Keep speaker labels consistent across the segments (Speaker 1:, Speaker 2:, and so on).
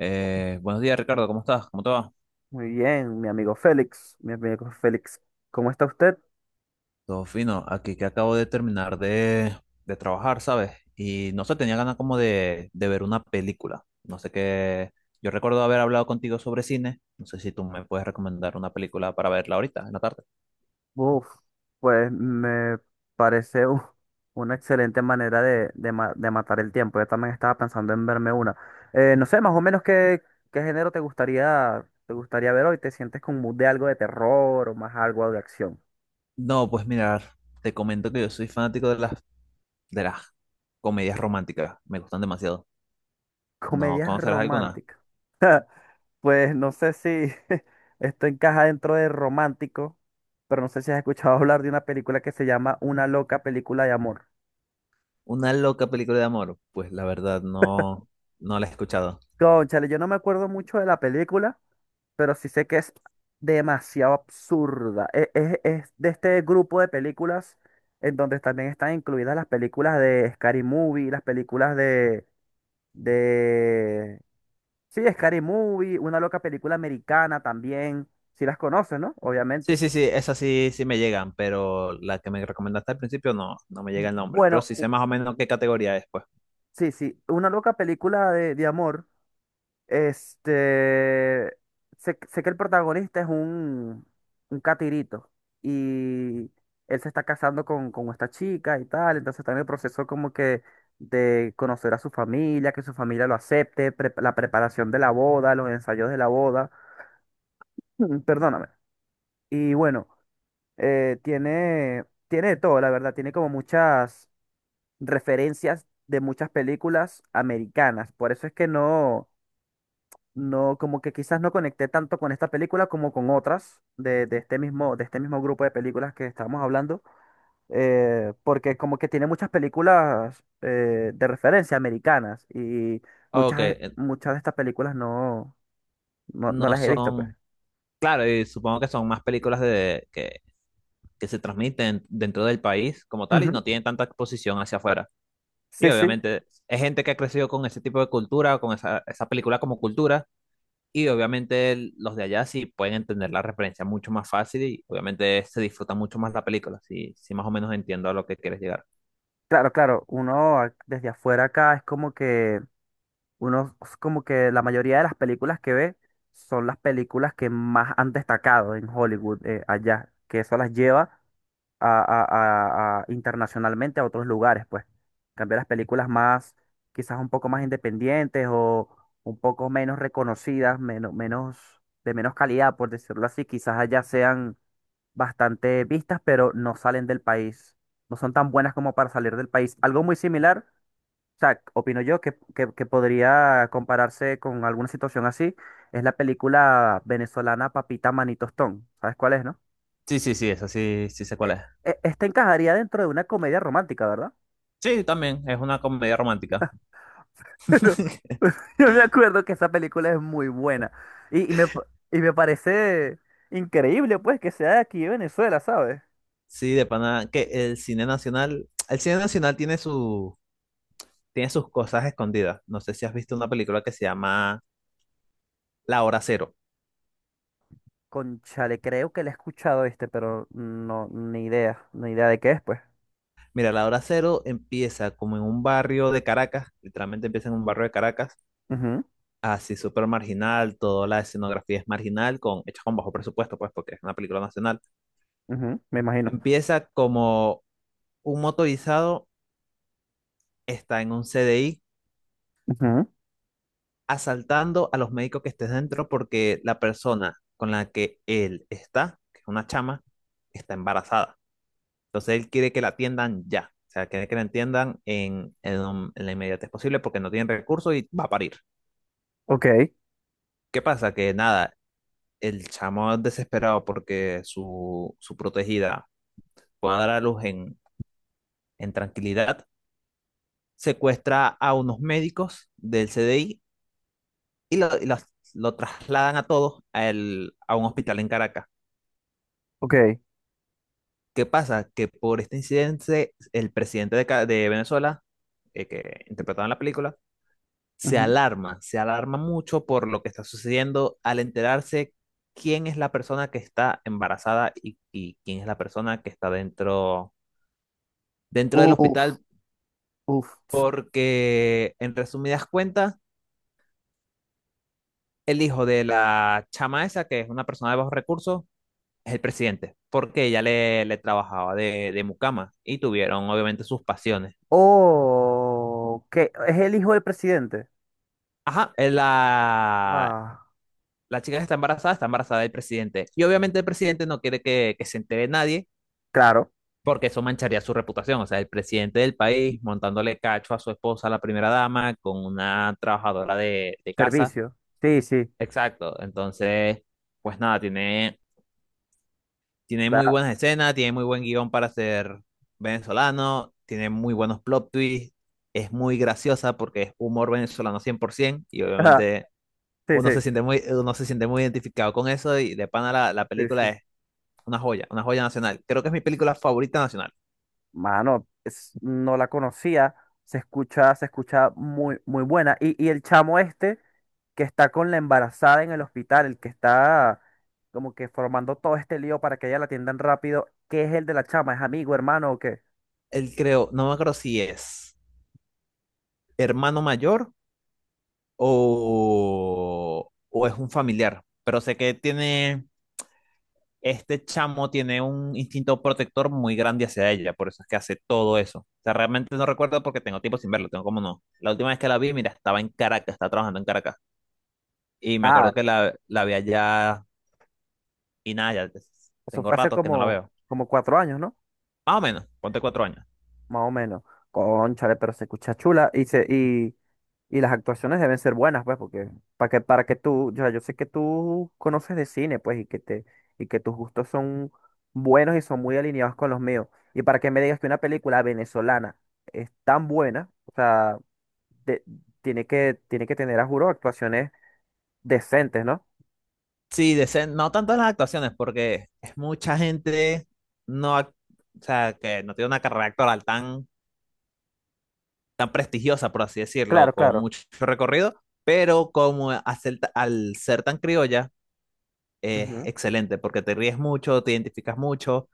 Speaker 1: Buenos días, Ricardo, ¿cómo estás? ¿Cómo te va?
Speaker 2: Muy bien, mi amigo Félix, ¿cómo está usted?
Speaker 1: Todo fino, aquí que acabo de terminar de trabajar, ¿sabes? Y no sé, tenía ganas como de ver una película. No sé qué. Yo recuerdo haber hablado contigo sobre cine. No sé si tú me puedes recomendar una película para verla ahorita, en la tarde.
Speaker 2: Uf, pues me parece una excelente manera de, de de matar el tiempo. Yo también estaba pensando en verme una. No sé, más o menos qué género te gustaría ver hoy. ¿Te sientes con mood de algo de terror o más algo de acción?
Speaker 1: No, pues mirar, te comento que yo soy fanático de de las comedias románticas. Me gustan demasiado. ¿No
Speaker 2: Comedias
Speaker 1: conocerás alguna?
Speaker 2: románticas. Pues no sé si esto encaja dentro de romántico, pero no sé si has escuchado hablar de una película que se llama Una loca película de amor.
Speaker 1: Una loca película de amor. Pues la verdad, no la he escuchado.
Speaker 2: Cónchale, yo no me acuerdo mucho de la película, pero sí sé que es demasiado absurda. Es de este grupo de películas en donde también están incluidas las películas de Scary Movie, las películas de. Sí, Scary Movie, una loca película americana también. Si las conoces, ¿no?
Speaker 1: Sí,
Speaker 2: Obviamente.
Speaker 1: sí, sí, esas sí, sí me llegan, pero la que me recomendaste al principio no me llega el nombre, pero
Speaker 2: Bueno,
Speaker 1: sí sé más o menos qué categoría es, pues.
Speaker 2: sí, sí, una loca película de amor. Este, sé que el protagonista es un catirito y él se está casando con esta chica y tal, entonces está en el proceso como que de conocer a su familia, que su familia lo acepte, la preparación de la boda, los ensayos de la boda. Mm, perdóname. Y bueno, tiene de todo, la verdad, tiene como muchas referencias de muchas películas americanas, por eso es que no... No, como que quizás no conecté tanto con esta película como con otras de, de este mismo grupo de películas que estábamos hablando, porque como que tiene muchas películas de referencia americanas y
Speaker 1: Ok,
Speaker 2: muchas, muchas de estas películas no
Speaker 1: no
Speaker 2: las he visto, pues.
Speaker 1: son, claro, y supongo que son más películas que se transmiten dentro del país como tal y
Speaker 2: Ujú.
Speaker 1: no tienen tanta exposición hacia afuera. Y
Speaker 2: Sí, sí,
Speaker 1: obviamente es gente que ha crecido con ese tipo de cultura, con esa película como cultura, y obviamente los de allá sí pueden entender la referencia mucho más fácil y obviamente se disfruta mucho más la película, sí, sí más o menos entiendo a lo que quieres llegar.
Speaker 2: claro, claro. Desde afuera acá es como que uno es como que la mayoría de las películas que ve son las películas que más han destacado en Hollywood allá, que eso las lleva a, internacionalmente a otros lugares, pues. Cambiar las películas más, quizás un poco más independientes o un poco menos reconocidas, de menos calidad, por decirlo así, quizás allá sean bastante vistas, pero no salen del país, no son tan buenas como para salir del país. Algo muy similar, o sea, opino yo que podría compararse con alguna situación así, es la película venezolana Papita Manitostón. ¿Sabes cuál es, no?
Speaker 1: Sí, sí, sí, esa sí, sí sé cuál
Speaker 2: e-
Speaker 1: es.
Speaker 2: Esta encajaría dentro de una comedia romántica, ¿verdad?
Speaker 1: Sí, también, es una comedia romántica.
Speaker 2: Yo me acuerdo que esa película es muy buena. Y, y me parece increíble, pues, que sea de aquí de Venezuela, ¿sabes?
Speaker 1: Sí, de pana, que el cine nacional tiene tiene sus cosas escondidas. No sé si has visto una película que se llama La Hora Cero.
Speaker 2: Conchale, creo que la he escuchado este, pero no, ni idea, ni idea de qué es, pues.
Speaker 1: Mira, La Hora Cero empieza como en un barrio de Caracas, literalmente empieza en un barrio de Caracas,
Speaker 2: Ujú,
Speaker 1: así súper marginal, toda la escenografía es marginal, con, hecha con bajo presupuesto, pues, porque es una película nacional.
Speaker 2: ujú, me imagino.
Speaker 1: Empieza como un motorizado está en un CDI
Speaker 2: Ujú,
Speaker 1: asaltando a los médicos que estés dentro porque la persona con la que él está, que es una chama, está embarazada. Entonces él quiere que la atiendan ya. O sea, quiere que la atiendan en la inmediatez posible porque no tienen recursos y va a parir.
Speaker 2: ok,
Speaker 1: ¿Qué pasa? Que nada, el chamo es desesperado porque su protegida pueda dar a luz en tranquilidad, secuestra a unos médicos del CDI y, lo trasladan a todos a a un hospital en Caracas.
Speaker 2: ok,
Speaker 1: ¿Qué pasa? Que por este incidente, el presidente de Venezuela, que interpretaba en la película,
Speaker 2: ujú.
Speaker 1: se alarma mucho por lo que está sucediendo al enterarse quién es la persona que está embarazada y quién es la persona que está dentro, dentro del
Speaker 2: Uf,
Speaker 1: hospital,
Speaker 2: uf.
Speaker 1: porque en resumidas cuentas, el hijo de la chama esa, que es una persona de bajos recursos, es el presidente, porque ella le trabajaba de mucama y tuvieron obviamente sus pasiones.
Speaker 2: Oh, que es el hijo del presidente.
Speaker 1: Ajá,
Speaker 2: Wow.
Speaker 1: la chica que está embarazada del presidente. Y obviamente el presidente no quiere que se entere nadie
Speaker 2: Claro,
Speaker 1: porque eso mancharía su reputación. O sea, el presidente del país montándole cacho a su esposa, la primera dama, con una trabajadora de casa.
Speaker 2: servicio. Sí, sí.
Speaker 1: Exacto. Entonces, pues nada, tiene muy buenas escenas, tiene muy buen guión para ser venezolano, tiene muy buenos plot twists, es muy graciosa porque es humor venezolano 100% y
Speaker 2: Ajá,
Speaker 1: obviamente
Speaker 2: sí, sí,
Speaker 1: uno se siente muy identificado con eso y de pana la
Speaker 2: sí,
Speaker 1: película
Speaker 2: sí.
Speaker 1: es una joya nacional. Creo que es mi película favorita nacional.
Speaker 2: Mano, no la conocía. Se escucha muy, muy buena. Y el chamo este que está con la embarazada en el hospital, el que está como que formando todo este lío para que ella la atiendan rápido, ¿qué es el de la chama? ¿Es amigo, hermano o qué?
Speaker 1: Él creo, no me acuerdo si es hermano mayor o es un familiar, pero sé que este chamo tiene un instinto protector muy grande hacia ella, por eso es que hace todo eso. O sea, realmente no recuerdo porque tengo tiempo sin verlo, tengo como no. La última vez que la vi, mira, estaba en Caracas, estaba trabajando en Caracas y me
Speaker 2: Ah,
Speaker 1: acuerdo que la vi allá y nada, ya
Speaker 2: eso
Speaker 1: tengo
Speaker 2: fue hace
Speaker 1: rato que no la
Speaker 2: como,
Speaker 1: veo.
Speaker 2: como cuatro años, ¿no?
Speaker 1: Más o menos, ponte 4 años.
Speaker 2: Más o menos. Cónchale, pero se escucha chula y y las actuaciones deben ser buenas, pues, porque para que tú, ya yo sé que tú conoces de cine, pues, y que tus gustos son buenos y son muy alineados con los míos. Y para que me digas que una película venezolana es tan buena, o sea, de- tiene que tener a juro actuaciones decentes, ¿no?
Speaker 1: Sí, no tanto las actuaciones, porque es mucha gente no, ac- o sea, que no tiene una carrera actoral tan prestigiosa, por así decirlo,
Speaker 2: Claro,
Speaker 1: con
Speaker 2: claro.
Speaker 1: mucho recorrido, pero como hacer al ser tan criolla, es
Speaker 2: Ujú.
Speaker 1: excelente, porque te ríes mucho, te identificas mucho.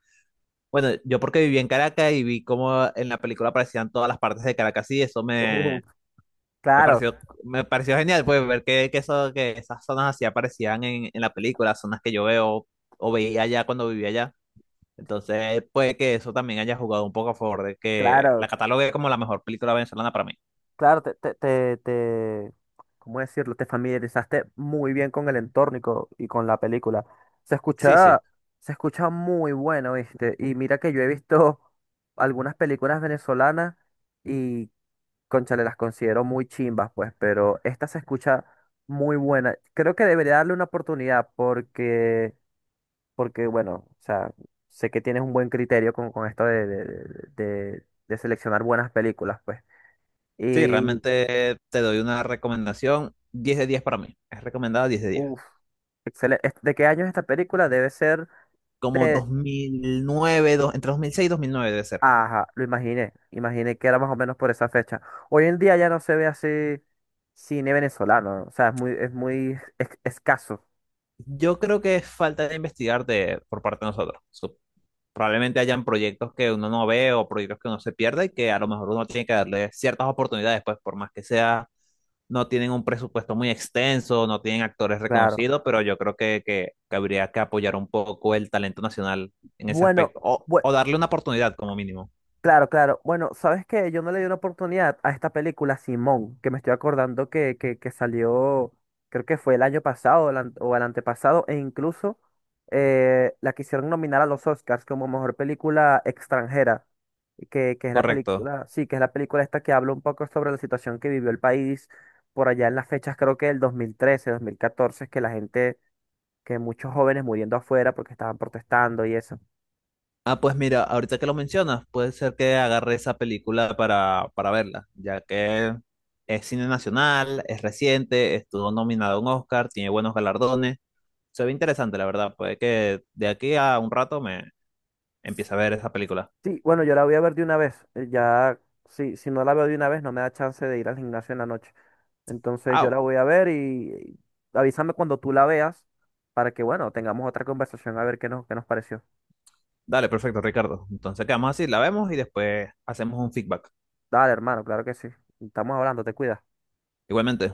Speaker 1: Bueno, yo porque viví en Caracas y vi cómo en la película aparecían todas las partes de Caracas y eso me...
Speaker 2: Ujú.
Speaker 1: Me
Speaker 2: Claro,
Speaker 1: pareció, me pareció genial, pues, ver que esas zonas así aparecían en la película, zonas que yo veo o veía allá cuando vivía allá. Entonces, puede que eso también haya jugado un poco a favor de que la
Speaker 2: claro.
Speaker 1: catalogue como la mejor película venezolana para mí.
Speaker 2: Claro, ¿cómo decirlo? Te familiarizaste muy bien con el entorno y y con la película. Se
Speaker 1: Sí, sí,
Speaker 2: escucha, se escucha muy bueno, ¿viste? Y mira que yo he visto algunas películas venezolanas y, cónchale, las considero muy chimbas, pues, pero esta se escucha muy buena. Creo que debería darle una oportunidad porque, porque bueno, o sea, sé que tienes un buen criterio con esto de, de seleccionar buenas películas, pues.
Speaker 1: sí,
Speaker 2: Y
Speaker 1: realmente te doy una recomendación, 10 de 10 para mí. Es recomendada 10 de 10.
Speaker 2: uf, excelente. ¿De qué año es esta película? Debe ser
Speaker 1: Como
Speaker 2: de...
Speaker 1: 2009, dos- entre 2006 y 2009 debe ser.
Speaker 2: Ajá, lo imaginé. Imaginé que era más o menos por esa fecha. Hoy en día ya no se ve así cine venezolano, ¿no? O sea, es muy, escaso.
Speaker 1: Yo creo que es falta de investigar de, por parte de nosotros. Probablemente hayan proyectos que uno no ve o proyectos que uno se pierde y que a lo mejor uno tiene que darle ciertas oportunidades, pues por más que sea, no tienen un presupuesto muy extenso, no tienen actores
Speaker 2: Claro.
Speaker 1: reconocidos, pero yo creo que habría que apoyar un poco el talento nacional en ese
Speaker 2: Bueno,
Speaker 1: aspecto
Speaker 2: bu-
Speaker 1: o darle una oportunidad como mínimo.
Speaker 2: Claro, claro. Bueno, ¿sabes qué? Yo no le di una oportunidad a esta película Simón, que me estoy acordando que salió, creo que fue el año pasado o o el antepasado, e incluso la quisieron nominar a los Oscars como mejor película extranjera, que es la
Speaker 1: Correcto.
Speaker 2: película, sí, que es la película esta que habla un poco sobre la situación que vivió el país por allá en las fechas, creo que del 2013, 2014, que la gente, que muchos jóvenes muriendo afuera porque estaban protestando y
Speaker 1: Ah, pues mira, ahorita que lo mencionas, puede ser que agarre esa película para verla, ya que es cine nacional, es reciente, estuvo nominado a un Oscar, tiene buenos galardones. Se ve interesante, la verdad. Puede que de aquí a un rato me empiece a ver esa película.
Speaker 2: sí, bueno, yo la voy a ver de una vez. Ya, sí, si no la veo de una vez, no me da chance de ir al gimnasio en la noche. Entonces yo
Speaker 1: Ah,
Speaker 2: la voy a ver y avísame cuando tú la veas para que, bueno, tengamos otra conversación a ver qué nos pareció.
Speaker 1: dale, perfecto, Ricardo. Entonces quedamos así, la vemos y después hacemos un feedback.
Speaker 2: Dale, hermano, claro que sí. Estamos hablando, te cuidas.
Speaker 1: Igualmente.